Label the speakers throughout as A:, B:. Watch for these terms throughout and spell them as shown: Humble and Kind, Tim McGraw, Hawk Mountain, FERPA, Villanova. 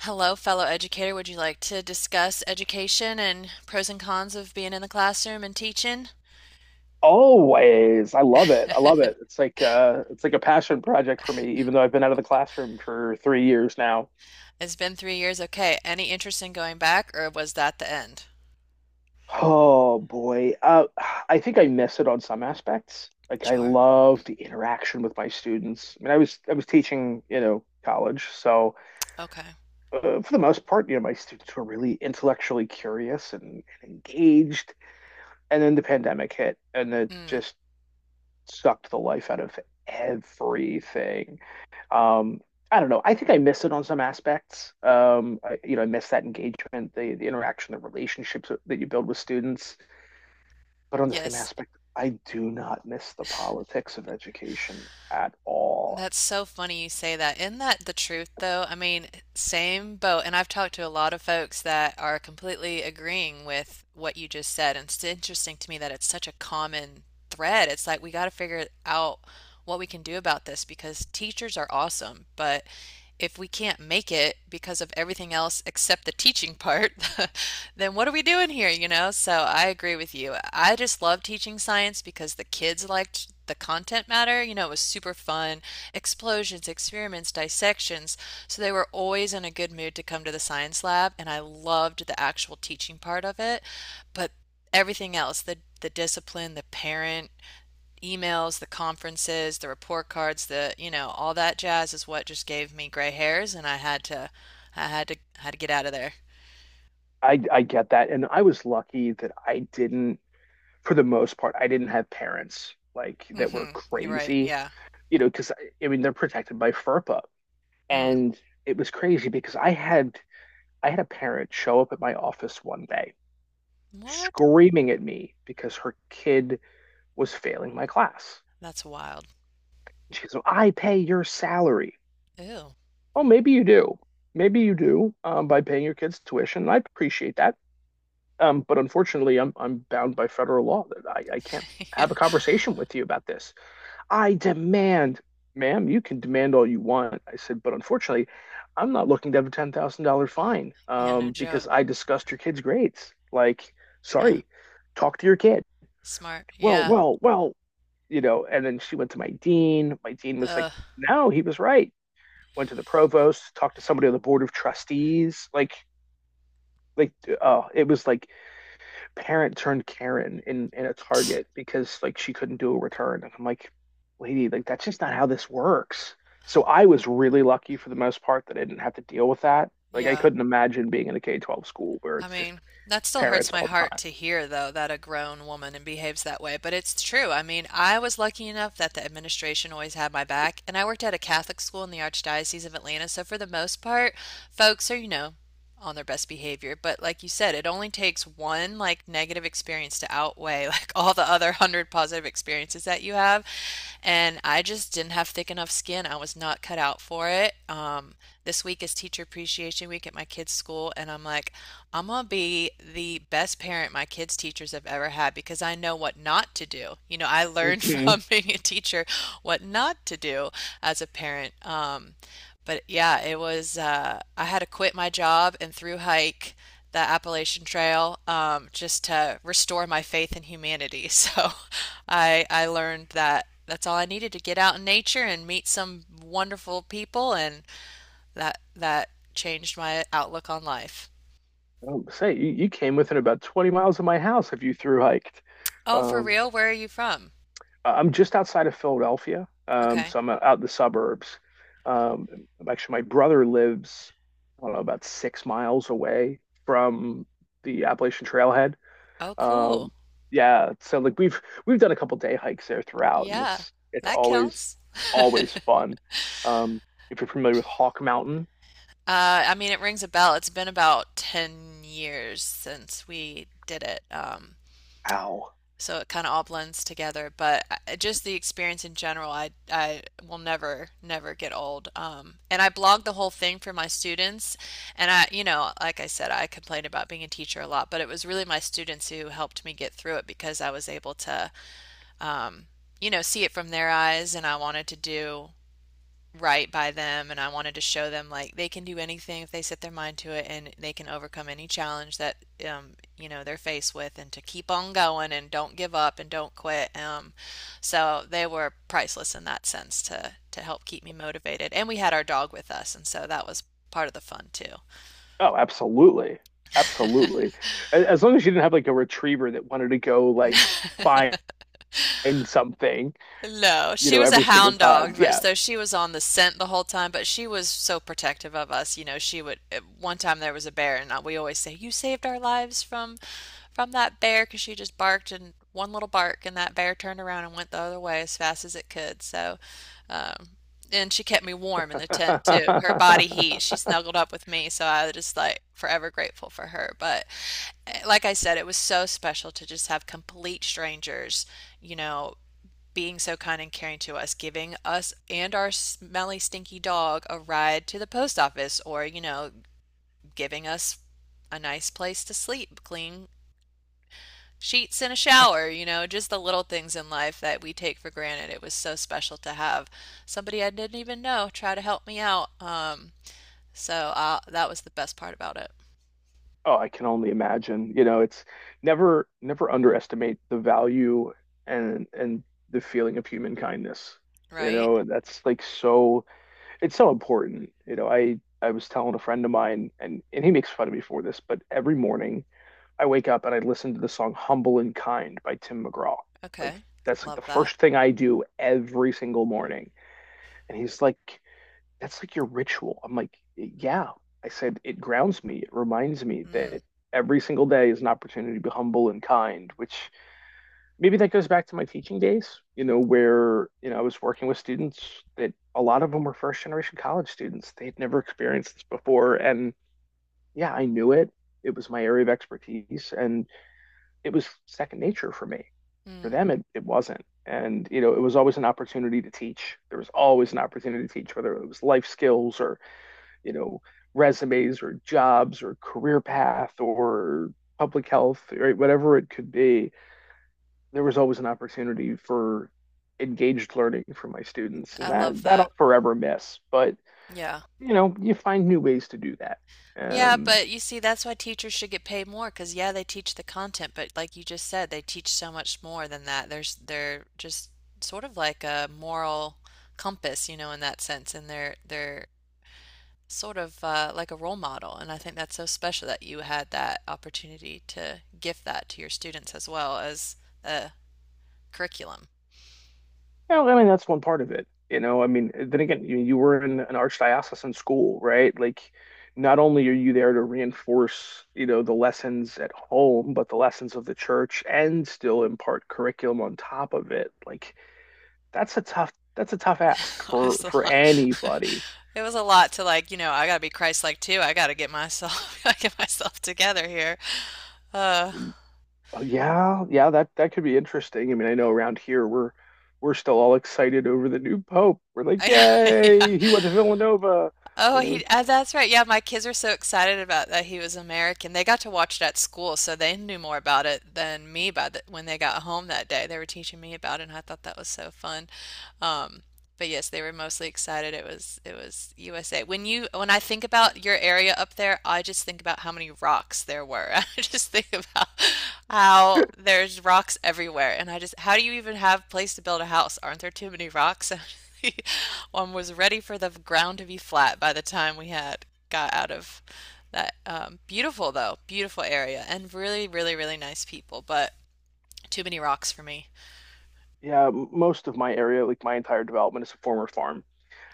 A: Hello, fellow educator. Would you like to discuss education and pros and cons of being in the classroom and teaching?
B: Always. I love it. I love it. It's like a passion project for me, even though I've been out of the classroom for 3 years now.
A: It's been 3 years. Okay. Any interest in going back, or was that the end?
B: Oh boy. I think I miss it on some aspects. Like I
A: Sure.
B: love the interaction with my students. I mean, I was teaching, you know, college. So
A: Okay.
B: for the most part, you know, my students were really intellectually curious and engaged. And then the pandemic hit and it
A: Mm,
B: just sucked the life out of everything. Um, I don't know. I think I miss it on some aspects. I, you know, I miss that engagement, the interaction, the relationships that you build with students. But on the same
A: yes.
B: aspect, I do not miss the politics of education at all.
A: That's so funny you say that. Isn't that the truth, though? I mean, same boat. And I've talked to a lot of folks that are completely agreeing with what you just said. And it's interesting to me that it's such a common thread. It's like we got to figure out what we can do about this because teachers are awesome, but if we can't make it because of everything else except the teaching part, then what are we doing here? So I agree with you. I just love teaching science because the kids liked the content matter. You know, it was super fun. Explosions, experiments, dissections. So they were always in a good mood to come to the science lab, and I loved the actual teaching part of it. But everything else, the discipline, the parent emails, the conferences, the report cards, the, you know, all that jazz is what just gave me gray hairs, and I had to get out of there.
B: I get that, and I was lucky that I didn't, for the most part, I didn't have parents like that were
A: Hmm. You're right.
B: crazy.
A: Yeah.
B: You know, because I mean they're protected by FERPA,
A: Mm.
B: and it was crazy because I had a parent show up at my office one day
A: What?
B: screaming at me because her kid was failing my class.
A: That's wild.
B: She goes, "Well, I pay your salary.
A: Ew.
B: Oh, maybe you do. Maybe you do by paying your kids tuition. And I appreciate that. But unfortunately, I'm bound by federal law that I can't
A: Yeah.
B: have a conversation with you about this. I demand, ma'am, you can demand all you want." I said, "but unfortunately, I'm not looking to have a $10,000 fine
A: Yeah, no joke.
B: because I discussed your kid's grades." Like,
A: Yeah.
B: sorry, talk to your kid.
A: Smart.
B: Well,
A: Yeah.
B: well, well, you know, and then she went to my dean. My dean was like,
A: Ugh.
B: no, he was right. Went to the provost, talked to somebody on the board of trustees. Like, oh, it was like parent turned Karen in a
A: Tch.
B: Target because like she couldn't do a return. And I'm like, lady, like that's just not how this works. So I was really lucky for the most part that I didn't have to deal with that. Like I
A: Yeah.
B: couldn't imagine being in a K 12 school where
A: I
B: it's just
A: mean, that still hurts
B: parents
A: my
B: all the
A: heart
B: time.
A: to hear, though, that a grown woman and behaves that way. But it's true. I mean, I was lucky enough that the administration always had my back, and I worked at a Catholic school in the Archdiocese of Atlanta. So for the most part, folks are, you know, on their best behavior. But like you said, it only takes one like negative experience to outweigh like all the other hundred positive experiences that you have. And I just didn't have thick enough skin. I was not cut out for it. This week is teacher appreciation week at my kids' school, and I'm like, I'm gonna be the best parent my kids' teachers have ever had because I know what not to do. You know, I learned
B: Mhm.
A: from being a teacher what not to do as a parent. But yeah, it was, I had to quit my job and through hike the Appalachian Trail just to restore my faith in humanity. So I learned that that's all I needed to get out in nature and meet some wonderful people, and that changed my outlook on life.
B: Say you came within about 20 miles of my house if you through hiked.
A: Oh, for
B: Um,
A: real? Where are you from?
B: I'm just outside of Philadelphia,
A: Okay.
B: so I'm out in the suburbs. Um, actually, my brother lives, I don't know, about 6 miles away from the Appalachian Trailhead.
A: Oh,
B: Um,
A: cool.
B: yeah, so like we've done a couple day hikes there throughout, and
A: Yeah,
B: it's
A: that
B: always
A: counts.
B: always fun. Um, if you're familiar with Hawk Mountain,
A: I mean, it rings a bell. It's been about 10 years since we did it.
B: ow,
A: So it kind of all blends together, but just the experience in general, I will never never get old. And I blogged the whole thing for my students, and I, you know, like I said, I complained about being a teacher a lot, but it was really my students who helped me get through it because I was able to, um, you know, see it from their eyes, and I wanted to do right by them and I wanted to show them like they can do anything if they set their mind to it and they can overcome any challenge that um you know they're faced with and to keep on going and don't give up and don't quit so they were priceless in that sense to help keep me motivated and we had our dog with us and so that was part of the fun too.
B: oh, absolutely, absolutely. As long as you didn't have like a retriever that wanted to go like find something,
A: No,
B: you
A: she
B: know,
A: was a
B: every single
A: hound
B: time.
A: dog, but
B: Yeah.
A: so she was on the scent the whole time. But she was so protective of us. You know, she would. At one time there was a bear, and we always say, "You saved our lives from that bear," because she just barked and one little bark, and that bear turned around and went the other way as fast as it could. So, um, and she kept me warm in the tent too. Her body heat. She snuggled up with me, so I was just like forever grateful for her. But like I said, it was so special to just have complete strangers, you know, being so kind and caring to us, giving us and our smelly, stinky dog a ride to the post office, or, you know, giving us a nice place to sleep, clean sheets and a shower,
B: That's,
A: you know, just the little things in life that we take for granted. It was so special to have somebody I didn't even know try to help me out. So that was the best part about it,
B: oh, I can only imagine. You know, it's never, never underestimate the value and the feeling of human kindness. You
A: right?
B: know, and that's like so, it's so important. You know, I was telling a friend of mine, and he makes fun of me for this, but every morning I wake up and I listen to the song "Humble and Kind" by Tim McGraw. Like
A: Okay.
B: that's like the
A: Love that.
B: first thing I do every single morning. And he's like, that's like your ritual. I'm like, yeah. I said, it grounds me. It reminds me
A: Mm,
B: that every single day is an opportunity to be humble and kind, which maybe that goes back to my teaching days, you know, where, you know, I was working with students that a lot of them were first generation college students. They had never experienced this before. And yeah, I knew it. It was my area of expertise and it was second nature for me. For
A: mm,
B: them, it wasn't. And, you know, it was always an opportunity to teach. There was always an opportunity to teach, whether it was life skills or you know, resumes or jobs or career path or public health, right? Whatever it could be, there was always an opportunity for engaged learning for my students.
A: I
B: And
A: love
B: that
A: that.
B: I'll forever miss. But,
A: Yeah.
B: you know, you find new ways to do that.
A: Yeah,
B: Um,
A: but you see, that's why teachers should get paid more because, yeah, they teach the content, but like you just said, they teach so much more than that. There's They're just sort of like a moral compass, you know, in that sense, and they're sort of like a role model. And I think that's so special that you had that opportunity to give that to your students as well as a curriculum.
B: Well, I mean, that's one part of it. You know, I mean, then again, you were in an archdiocesan school, right? Like, not only are you there to reinforce, you know, the lessons at home, but the lessons of the church and still impart curriculum on top of it. Like, that's a tough ask
A: It was a
B: for
A: lot.
B: anybody.
A: It was a lot to like, you know, I gotta be Christ-like too. I gotta get myself, I gotta get myself together here. Uh.
B: Yeah, yeah, that that could be interesting. I mean, I know around here we're still all excited over the new pope. We're like,
A: I, yeah.
B: yay, he went to Villanova.
A: Oh,
B: You
A: he,
B: know,
A: that's right. Yeah, my kids are so excited about that he was American. They got to watch it at school, so they knew more about it than me by when they got home that day. They were teaching me about it, and I thought that was so fun. Um, but yes, they were mostly excited. It was USA. When I think about your area up there, I just think about how many rocks there were. I just think about how there's rocks everywhere, and I just how do you even have place to build a house? Aren't there too many rocks? One was ready for the ground to be flat by the time we had got out of that beautiful though, beautiful area, and really really really nice people, but too many rocks for me.
B: yeah, most of my area, like my entire development is a former farm.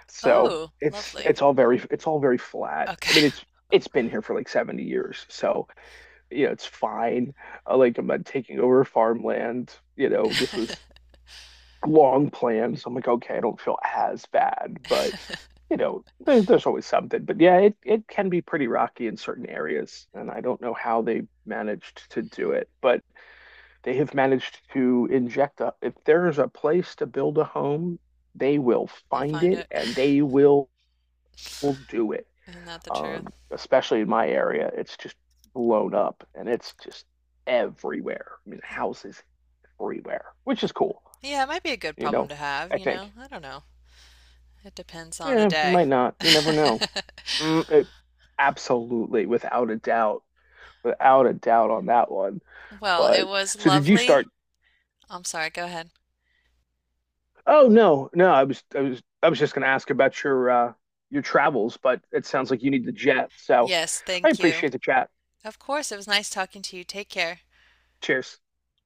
B: So
A: Oh,
B: it's
A: lovely.
B: it's all very it's all very flat. I mean,
A: Okay.
B: it's been here for like 70 years. So, you know, it's fine. Like I'm not taking over farmland, you know, this was long planned. So I'm like, okay, I don't feel as bad, but you know, there's always something. But yeah, it can be pretty rocky in certain areas, and I don't know how they managed to do it, but they have managed to inject a, if there is a place to build a home, they will
A: They'll
B: find
A: find
B: it
A: it.
B: and they will do it.
A: Isn't that the truth?
B: Especially in my area, it's just blown up and it's just everywhere. I mean, houses everywhere, which is
A: That-
B: cool,
A: Yeah, it might be a good
B: you
A: problem
B: know,
A: to have,
B: I
A: you
B: think.
A: know? I don't know. It depends on the
B: Yeah,
A: day.
B: might not. You never know. Mm, it- absolutely, without a doubt, without a doubt on that one.
A: Well, it
B: But
A: was
B: so did you
A: lovely.
B: start.
A: I'm sorry, go ahead.
B: Oh no, no, I was just going to ask about your travels, but it sounds like you need the jet. So
A: Yes,
B: I
A: thank you.
B: appreciate the chat.
A: Of course, it was nice talking to you. Take care.
B: Cheers.